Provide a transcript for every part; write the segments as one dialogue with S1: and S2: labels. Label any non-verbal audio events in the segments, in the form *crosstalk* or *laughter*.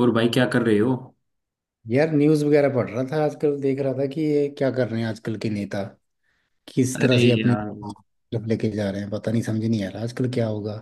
S1: और भाई क्या कर रहे हो।
S2: यार न्यूज वगैरह पढ़ रहा था। आजकल देख रहा था कि ये क्या कर रहे हैं आजकल के नेता, किस तरह
S1: अरे
S2: से अपने
S1: यार।
S2: तरफ लेके जा रहे हैं। पता नहीं, समझ नहीं आ रहा आजकल क्या होगा।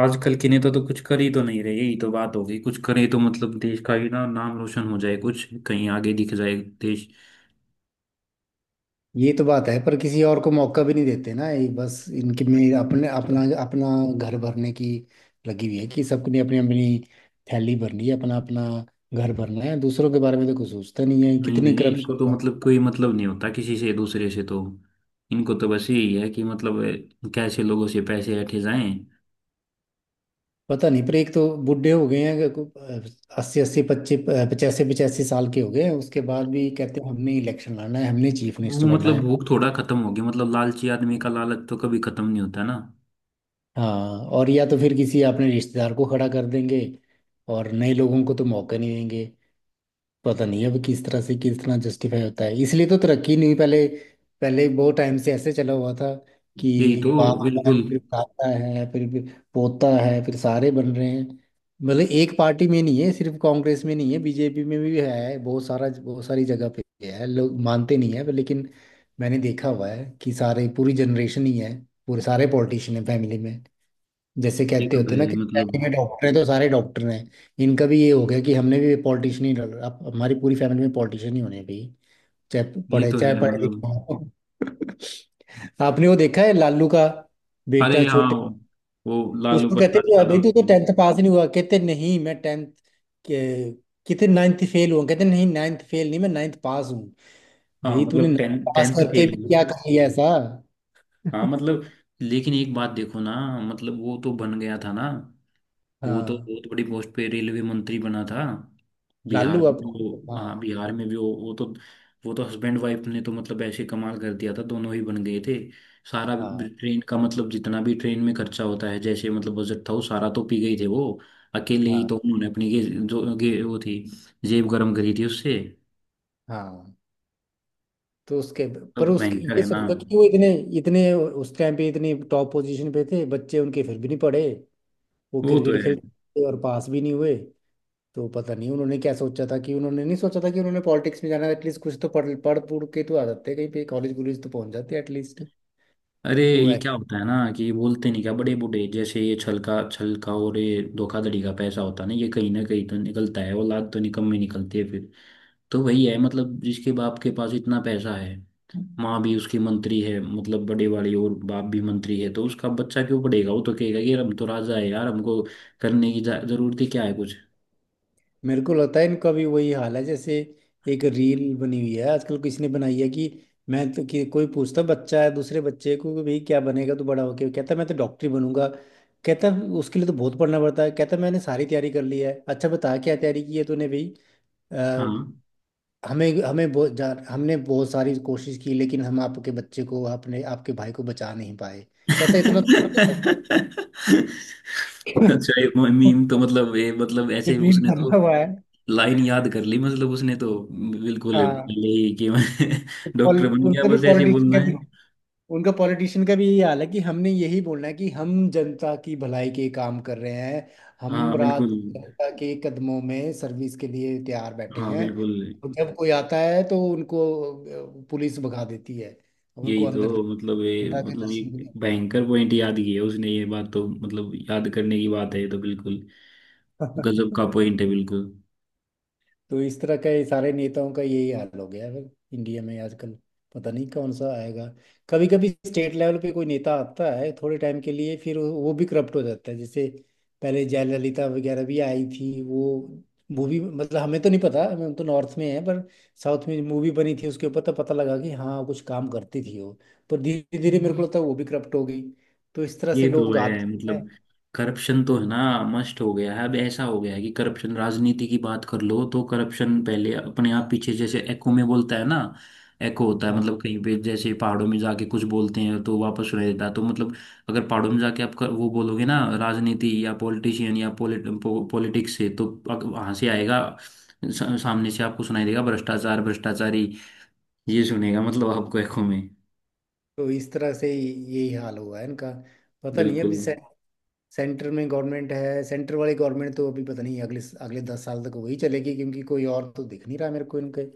S1: आजकल की नेता तो कुछ कर ही तो नहीं रहे यही तो बात हो गई कुछ करे तो मतलब देश का ही ना नाम रोशन हो जाए कुछ कहीं आगे दिख जाए देश।
S2: ये तो बात है, पर किसी और को मौका भी नहीं देते ना। ये बस इनके में अपने अपना अपना घर भरने की लगी हुई है कि सबने अपनी अपनी थैली भरनी है, अपना अपना घर भरना है। दूसरों के बारे में तो कुछ सोचता नहीं है,
S1: नहीं
S2: कितनी
S1: नहीं, इनको
S2: करप्शन
S1: तो
S2: है।
S1: मतलब कोई मतलब नहीं होता किसी से दूसरे से तो इनको तो बस यही है कि मतलब कैसे लोगों से पैसे ऐंठे जाएं।
S2: पता नहीं, पर एक तो बूढ़े हो गए हैं, 80 80 25 85 85 साल के हो गए हैं। उसके बाद भी कहते हैं हमने इलेक्शन लड़ना है, हमने चीफ
S1: वो
S2: मिनिस्टर बनना
S1: मतलब
S2: है।
S1: भूख थोड़ा खत्म होगी मतलब लालची आदमी का लालच तो कभी खत्म नहीं होता ना।
S2: हाँ, और या तो फिर किसी अपने रिश्तेदार को खड़ा कर देंगे, और नए लोगों को तो मौका नहीं देंगे। पता नहीं अब किस तरह से, किस तरह जस्टिफाई होता है, इसलिए तो तरक्की नहीं। पहले पहले बहुत टाइम से ऐसे चला हुआ था
S1: यही
S2: कि
S1: तो।
S2: बाप है,
S1: बिल्कुल।
S2: फिर दादा है, फिर पोता है, फिर सारे बन रहे हैं। मतलब एक पार्टी में नहीं है, सिर्फ कांग्रेस में नहीं है, बीजेपी में भी है, बहुत सारी जगह पे है। लोग मानते नहीं है पर, लेकिन मैंने देखा हुआ है कि सारे पूरी जनरेशन ही है, पूरे सारे पॉलिटिशियन है फैमिली में। जैसे
S1: ये
S2: कहते
S1: तो
S2: होते
S1: है
S2: हैं ना
S1: ही
S2: कि
S1: मतलब।
S2: फैमिली में डॉक्टर हैं तो सारे डॉक्टर हैं, इनका भी ये हो गया कि हमने भी पॉलिटिशियन ही डाल, अब हमारी पूरी फैमिली में पॉलिटिशियन ही होने हैं भाई, चाहे
S1: ये तो
S2: चाहे
S1: है
S2: पढ़े लिखे
S1: मतलब।
S2: हों। *laughs* आपने वो देखा है लालू का
S1: अरे
S2: बेटा
S1: हाँ
S2: छोटे,
S1: वो लालू
S2: उसको कहते
S1: प्रसाद
S2: हैं
S1: यादव
S2: बेटी तो
S1: वो।
S2: 10th पास ही नहीं हुआ, कहते नहीं मैं 10th के, कितने 9th फेल हुआ, कहते नहीं 9th फेल नहीं, मैं 9th पास हूँ।
S1: हाँ
S2: भाई तूने
S1: मतलब
S2: 9th
S1: टेन
S2: पास
S1: 10th
S2: करके
S1: फेल
S2: भी क्या
S1: हुआ।
S2: कर लिया ऐसा।
S1: हाँ मतलब। लेकिन एक बात देखो ना मतलब वो तो बन गया था ना। वो तो
S2: हाँ
S1: बहुत बड़ी पोस्ट पे रेलवे मंत्री बना था। बिहार
S2: लालू,
S1: में
S2: अब
S1: भी वो हाँ
S2: हाँ।
S1: बिहार में भी वो तो वो तो हस्बैंड वाइफ ने तो मतलब ऐसे कमाल कर दिया था दोनों ही बन गए थे। सारा
S2: हाँ,
S1: ट्रेन का मतलब जितना भी ट्रेन में खर्चा होता है जैसे मतलब बजट था वो सारा तो पी गई थे वो अकेले ही
S2: हाँ,
S1: तो उन्होंने अपनी जो वो थी जेब गर्म करी थी उससे।
S2: हाँ। तो उसके
S1: तो
S2: पर उसके,
S1: भयंकर
S2: ये
S1: है ना।
S2: सोचो कि वो इतने इतने उस टाइम पे इतनी टॉप पोजीशन पे थे, बच्चे उनके फिर भी नहीं पढ़े, वो
S1: वो तो
S2: क्रिकेट
S1: है।
S2: खेलते थे और पास भी नहीं हुए। तो पता नहीं उन्होंने क्या सोचा था, कि उन्होंने नहीं सोचा था कि उन्होंने पॉलिटिक्स में जाना, एटलीस्ट कुछ तो पढ़ पढ़ पूढ़ के तो आ जाते, कहीं पे कॉलेज वॉलेज तो पहुंच जाते एटलीस्ट।
S1: अरे
S2: तो
S1: ये क्या होता है ना कि ये बोलते नहीं क्या बड़े बूढ़े जैसे ये छलका छलका और ये धोखाधड़ी का पैसा होता है ना ये कहीं ना कहीं तो निकलता है औलाद तो निकम्मी निकलती है फिर। तो वही है मतलब जिसके बाप के पास इतना पैसा है माँ भी उसकी मंत्री है मतलब बड़े वाली और बाप भी मंत्री है तो उसका बच्चा क्यों पढ़ेगा वो तो कहेगा कि यार हम तो राजा है यार हमको करने की जरूरत ही क्या है कुछ।
S2: मेरे को लगता है इनका भी वही हाल है। जैसे एक रील बनी हुई है आजकल, किसी ने बनाई है कि मैं तो कि कोई पूछता बच्चा है दूसरे बच्चे को कि भाई क्या बनेगा तू बड़ा होके, कहता मैं तो डॉक्टर ही बनूंगा। कहता उसके लिए तो बहुत पढ़ना पड़ता है, कहता मैंने सारी तैयारी कर ली है। अच्छा बता क्या तैयारी की है तूने भाई।
S1: हाँ।
S2: अ, हमें हमें हमने बहुत सारी कोशिश की लेकिन हम आपके बच्चे को, आपने आपके भाई को बचा नहीं पाए, कहता
S1: *laughs* अच्छा ये
S2: *laughs*
S1: मीम तो मतलब ये मतलब
S2: ये
S1: ऐसे
S2: दिन
S1: उसने तो
S2: बदला हुआ है।
S1: लाइन याद कर ली मतलब उसने तो बिल्कुल
S2: हाँ
S1: पहले ही कि मैं
S2: तो
S1: *laughs* डॉक्टर बन गया
S2: उनसे भी
S1: बस ऐसे ही बोलना
S2: पॉलिटिक्स,
S1: है।
S2: उनका पॉलिटिशियन का भी यही हाल है कि हमने यही बोलना है कि हम जनता की भलाई के काम कर रहे हैं,
S1: हाँ
S2: हम रात
S1: बिल्कुल।
S2: दिन जनता के कदमों में सर्विस के लिए तैयार बैठे
S1: हाँ
S2: हैं।
S1: बिल्कुल।
S2: और जब कोई आता है तो उनको पुलिस भगा देती है, उनको
S1: यही
S2: अंदर
S1: तो
S2: तक
S1: मतलब
S2: नेता के
S1: ये
S2: दर्शन भी
S1: भयंकर पॉइंट याद किया उसने ये बात तो मतलब याद करने की बात है ये तो बिल्कुल गजब
S2: नहीं।
S1: का
S2: *laughs*
S1: पॉइंट है बिल्कुल।
S2: तो इस तरह के सारे नेताओं का यही हाल हो गया है फिर इंडिया में आजकल, पता नहीं कौन सा आएगा। कभी कभी स्टेट लेवल पे कोई नेता आता है थोड़े टाइम के लिए, फिर वो भी करप्ट हो जाता है। जैसे पहले जयललिता वगैरह भी आई थी वो, मूवी, मतलब हमें तो नहीं पता, हम तो नॉर्थ में है, पर साउथ में मूवी बनी थी उसके ऊपर तो पता लगा कि हाँ कुछ काम करती थी वो, पर धीरे धीरे मेरे को लगता है वो भी करप्ट हो गई। तो इस तरह से
S1: ये तो
S2: लोग
S1: है
S2: आते हैं।
S1: मतलब। करप्शन तो है ना मस्ट हो गया है अब ऐसा हो गया है कि करप्शन राजनीति की बात कर लो तो करप्शन पहले अपने आप पीछे जैसे एको में बोलता है ना। एको होता है
S2: हाँ,
S1: मतलब कहीं पे जैसे पहाड़ों में जाके कुछ बोलते हैं तो वापस सुनाई देता है तो मतलब अगर पहाड़ों में जाके आप वो बोलोगे ना राजनीति या पॉलिटिशियन या पॉलिटिक्स से तो वहां से आएगा सामने से आपको सुनाई देगा भ्रष्टाचार भ्रष्टाचारी ये सुनेगा मतलब आपको एको में।
S2: तो इस तरह से यही हाल हुआ है इनका। पता नहीं,
S1: बिल्कुल।
S2: अभी से सेंटर में गवर्नमेंट है, सेंटर वाली गवर्नमेंट तो अभी पता नहीं, अगले अगले 10 साल तक वही चलेगी क्योंकि कोई और तो दिख नहीं रहा मेरे को इनके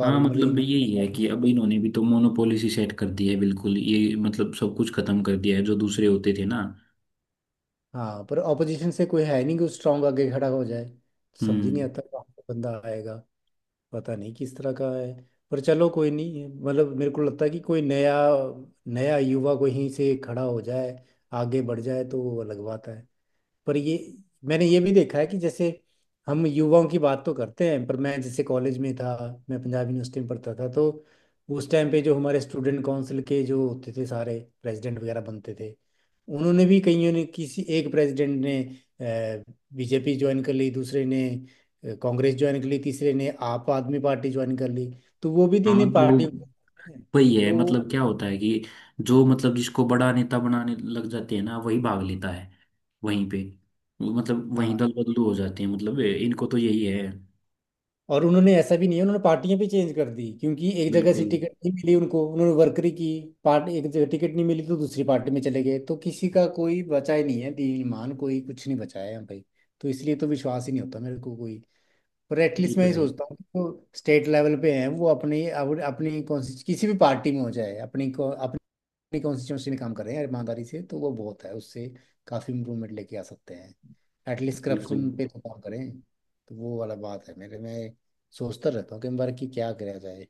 S1: हाँ
S2: मतलब
S1: मतलब
S2: इन।
S1: यही है कि अब
S2: *laughs*
S1: इन्होंने भी तो मोनोपोली सी सेट कर दी है बिल्कुल ये मतलब सब कुछ खत्म कर दिया है जो दूसरे होते थे ना।
S2: हाँ पर ऑपोजिशन से कोई है नहीं कि स्ट्रांग आगे खड़ा हो जाए। समझ ही नहीं
S1: हम्म।
S2: आता कहाँ से बंदा आएगा, पता नहीं किस तरह का है। पर चलो कोई नहीं, मतलब मेरे को लगता है कि कोई नया नया युवा कहीं से खड़ा हो जाए, आगे बढ़ जाए तो वो अलग बात है। पर ये, मैंने ये भी देखा है कि जैसे हम युवाओं की बात तो करते हैं पर मैं जैसे कॉलेज में था, मैं पंजाब यूनिवर्सिटी में पढ़ता था, तो उस टाइम पे जो हमारे स्टूडेंट काउंसिल के जो होते थे सारे प्रेसिडेंट वगैरह बनते थे, उन्होंने भी कईयों ने, किसी एक प्रेसिडेंट ने बीजेपी ज्वाइन कर ली, दूसरे ने कांग्रेस ज्वाइन कर ली, तीसरे ने आप आदमी पार्टी ज्वाइन कर ली। तो वो भी 3
S1: हाँ
S2: ही
S1: तो
S2: पार्टी,
S1: वही है
S2: तो
S1: मतलब क्या होता है कि जो मतलब जिसको बड़ा नेता बनाने लग जाते हैं ना वही भाग लेता है वहीं पे मतलब वहीं
S2: हाँ।
S1: दल बदलू हो जाते हैं मतलब इनको तो यही है।
S2: और उन्होंने ऐसा भी नहीं है, उन्होंने पार्टियां भी चेंज कर दी क्योंकि एक जगह से
S1: बिल्कुल।
S2: टिकट नहीं मिली उनको, उन्होंने वर्करी की पार्ट, एक जगह टिकट नहीं मिली तो दूसरी पार्टी में चले गए। तो किसी का कोई बचा ही नहीं है, दीन ईमान कोई कुछ नहीं बचाया है भाई। तो इसलिए तो विश्वास ही नहीं होता मेरे को कोई। पर
S1: ये
S2: एटलीस्ट मैं
S1: तो
S2: ये
S1: है ही।
S2: सोचता हूँ कि जो स्टेट लेवल पे हैं वो अपने, अपनी कौन सी किसी भी पार्टी में हो जाए, अपनी कॉन्स्टिट्यूंसी में काम कर रहे हैं ईमानदारी से तो वो बहुत है, उससे काफ़ी इम्प्रूवमेंट लेके आ सकते हैं। एटलीस्ट
S1: बिल्कुल।
S2: करप्शन पे तो काम करें तो वो वाला बात है। मेरे, मैं सोचता रहता हूँ कि बार कि क्या करा जाए,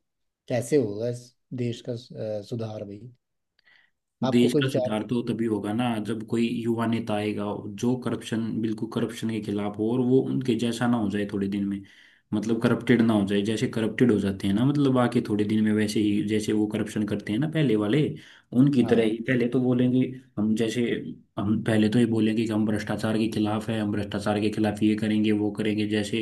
S2: कैसे होगा इस देश का सुधार भाई। आपको
S1: देश
S2: कोई
S1: का
S2: विचार।
S1: सुधार तो तभी होगा ना जब कोई युवा नेता आएगा जो करप्शन बिल्कुल करप्शन के खिलाफ हो और वो उनके जैसा ना हो जाए थोड़े दिन में मतलब करप्टेड ना हो जाए जैसे करप्टेड हो जाते हैं ना मतलब आके थोड़े दिन में वैसे ही जैसे वो करप्शन करते हैं ना पहले वाले उनकी तरह
S2: हाँ,
S1: ही पहले तो बोलेंगे। हम जैसे हम पहले तो ये बोलेंगे कि हम भ्रष्टाचार के खिलाफ है हम भ्रष्टाचार के खिलाफ ये करेंगे वो करेंगे जैसे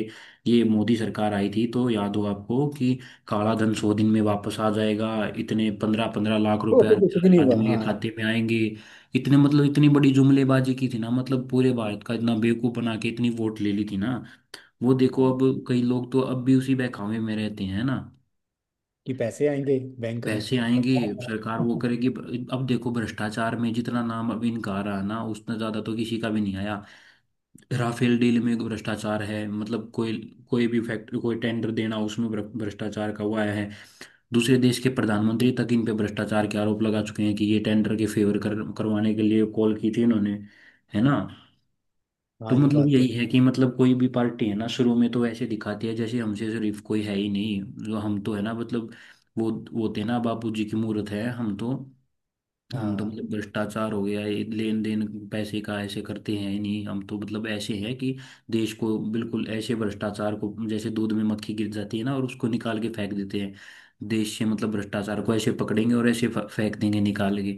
S1: ये मोदी सरकार आई थी तो याद हो आपको कि काला धन 100 दिन में वापस आ जाएगा इतने पंद्रह पंद्रह लाख
S2: वो
S1: रुपए
S2: तो
S1: हर
S2: कुछ भी नहीं हुआ।
S1: आदमी के
S2: हाँ,
S1: खाते में आएंगे इतने मतलब इतनी बड़ी जुमलेबाजी की थी ना मतलब पूरे भारत का इतना बेवकूफ बना के इतनी वोट ले ली थी ना। वो देखो
S2: हाँ,
S1: अब कई लोग तो अब भी उसी बहकावे में रहते हैं ना।
S2: कि पैसे आएंगे बैंक में।
S1: पैसे आएंगे सरकार वो
S2: *laughs*
S1: करेगी अब देखो भ्रष्टाचार में जितना नाम अब इनका आ रहा है ना उतना ज्यादा तो किसी का भी नहीं आया। राफेल डील में भ्रष्टाचार है मतलब कोई कोई भी फैक्ट्री कोई टेंडर देना उसमें भ्रष्टाचार का हुआ है। दूसरे देश के प्रधानमंत्री तक इन पे भ्रष्टाचार के आरोप लगा चुके हैं कि ये टेंडर के फेवर कर करवाने के लिए कॉल की थी इन्होंने है ना।
S2: हाँ
S1: तो
S2: ये
S1: मतलब
S2: बात
S1: यही
S2: तो।
S1: है कि मतलब कोई भी पार्टी है ना शुरू में तो ऐसे दिखाती है जैसे हमसे शरीफ कोई है ही नहीं जो हम तो है ना मतलब वो थे ना बापू जी की मूर्त है हम तो
S2: हाँ,
S1: मतलब भ्रष्टाचार हो गया ये लेन देन पैसे का ऐसे करते हैं नहीं हम तो मतलब ऐसे हैं कि देश को बिल्कुल ऐसे भ्रष्टाचार को जैसे दूध में मक्खी गिर जाती है ना और उसको निकाल के फेंक देते हैं। देश से मतलब भ्रष्टाचार को ऐसे पकड़ेंगे और ऐसे फेंक देंगे निकाल के।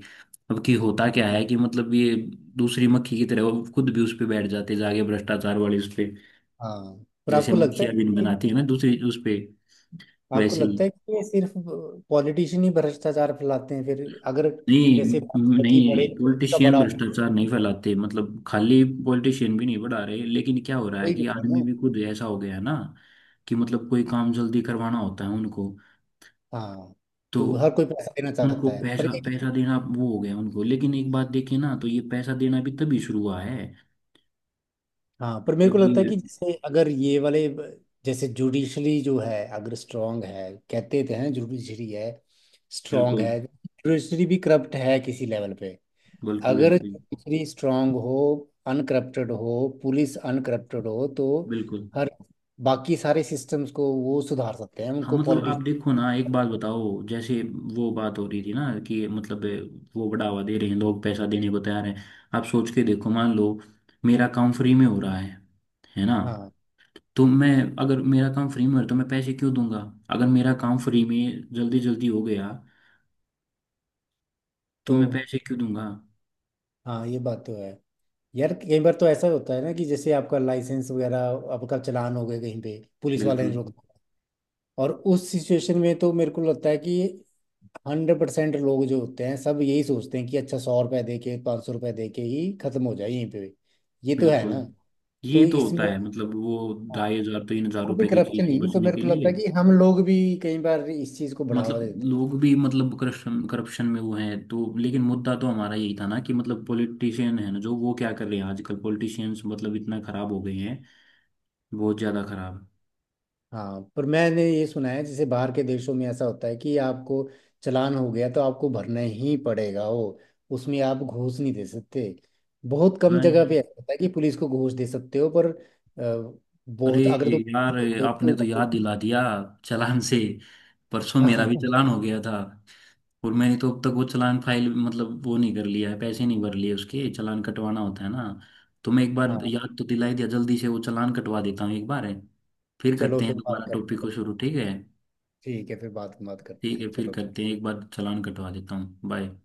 S1: अब कि होता क्या है कि मतलब ये दूसरी मक्खी की तरह वो खुद भी उस पे बैठ जाते हैं जाके भ्रष्टाचार वाली उस पे
S2: हाँ, पर
S1: जैसे
S2: आपको लगता
S1: मक्खियां
S2: है
S1: भी
S2: कि,
S1: बनाती है ना दूसरी उस पे
S2: आपको
S1: वैसे ही।
S2: लगता है कि ये सिर्फ पॉलिटिशियन ही भ्रष्टाचार फैलाते हैं फिर, अगर
S1: नहीं
S2: जैसे कि बड़े,
S1: नहीं
S2: इसका
S1: पॉलिटिशियन
S2: बड़ा ऑफिस
S1: भ्रष्टाचार नहीं फैलाते मतलब खाली पॉलिटिशियन भी नहीं बढ़ा रहे लेकिन क्या हो रहा है
S2: कोई भी
S1: कि आदमी
S2: हो ना।
S1: भी खुद ऐसा हो गया है ना कि मतलब कोई काम जल्दी करवाना होता है उनको
S2: हाँ,
S1: तो
S2: तो हर कोई पैसा देना
S1: उनको
S2: चाहता है, पर
S1: पैसा
S2: ये कि,
S1: पैसा देना वो हो गया उनको लेकिन एक बात देखिए ना तो ये पैसा देना भी तभी शुरू हुआ है
S2: हाँ पर मेरे
S1: जब
S2: को लगता है
S1: ये।
S2: कि जैसे अगर ये वाले जैसे जुडिशरी जो है अगर स्ट्रांग है, कहते तो हैं जुडिशरी है स्ट्रांग
S1: बिल्कुल।
S2: है, जुडिशरी भी करप्ट है किसी लेवल पे।
S1: बिल्कुल।
S2: अगर
S1: बिल्कुल।
S2: दूसरी स्ट्रांग हो, अनकरप्टेड हो, पुलिस अनकरप्टेड हो तो
S1: बिल्कुल।
S2: हर, बाकी सारे सिस्टम्स को वो सुधार सकते हैं,
S1: हाँ
S2: उनको
S1: मतलब आप
S2: पॉलिटिक्स।
S1: देखो ना एक बात बताओ जैसे वो बात हो रही थी ना कि मतलब वो बढ़ावा दे रहे हैं लोग पैसा देने को तैयार हैं आप सोच के देखो मान लो मेरा काम फ्री में हो रहा है ना।
S2: हाँ
S1: तो मैं अगर मेरा काम फ्री में हो रहा है तो मैं पैसे क्यों दूंगा। अगर मेरा काम फ्री में जल्दी जल्दी हो गया तो
S2: तो,
S1: मैं पैसे क्यों दूंगा।
S2: हाँ ये बात तो है। यार कई बार तो ऐसा होता है ना कि जैसे आपका लाइसेंस वगैरह, आपका चालान हो गया कहीं पे, पुलिस वाले
S1: बिल्कुल।
S2: ने रोक दिया, और उस सिचुएशन में तो मेरे को लगता है कि 100% लोग जो होते हैं सब यही सोचते हैं कि अच्छा 100 रुपये दे के, 500 रुपये दे के ही खत्म हो जाए यहीं पे, ये तो है ना।
S1: बिल्कुल। ये
S2: तो
S1: तो
S2: इसमें,
S1: होता है मतलब वो
S2: हाँ,
S1: ढाई हजार तीन हजार
S2: वो भी
S1: रुपए की चीज
S2: करप्शन
S1: से
S2: ही, तो
S1: बचने
S2: मेरे
S1: के
S2: को लगता है
S1: लिए
S2: कि हम लोग भी कई बार इस चीज को बढ़ावा
S1: मतलब
S2: देते हैं।
S1: लोग भी मतलब करप्शन करप्शन में वो हैं तो लेकिन मुद्दा तो हमारा यही था ना कि मतलब पॉलिटिशियन है ना जो वो क्या कर रहे हैं आजकल पॉलिटिशियंस मतलब इतना खराब हो गए हैं बहुत ज्यादा खराब।
S2: हाँ पर मैंने ये सुना है जैसे बाहर के देशों में ऐसा होता है कि आपको चालान हो गया तो आपको भरना ही पड़ेगा वो, उसमें आप घूस नहीं दे सकते। बहुत कम
S1: हाँ
S2: जगह पे ऐसा होता है कि पुलिस को घूस दे सकते हो, पर
S1: अरे
S2: बहुत, अगर तुम
S1: यार आपने तो याद दिला दिया चालान से परसों
S2: *laughs*
S1: मेरा
S2: हाँ,
S1: भी चालान हो गया था। और मैंने तो अब तक वो चालान फाइल मतलब वो नहीं कर लिया है पैसे नहीं भर लिए उसके चालान कटवाना होता है ना। तो मैं एक बार
S2: हाँ,
S1: याद तो दिला ही दिया जल्दी से वो चालान कटवा देता हूँ एक बार है। फिर
S2: चलो
S1: करते हैं
S2: फिर बात
S1: दोबारा टॉपिक
S2: करते हैं।
S1: को शुरू ठीक है।
S2: ठीक है, फिर बात बात करते
S1: ठीक है
S2: हैं
S1: फिर
S2: चलो।
S1: करते हैं एक बार चालान कटवा देता हूँ बाय।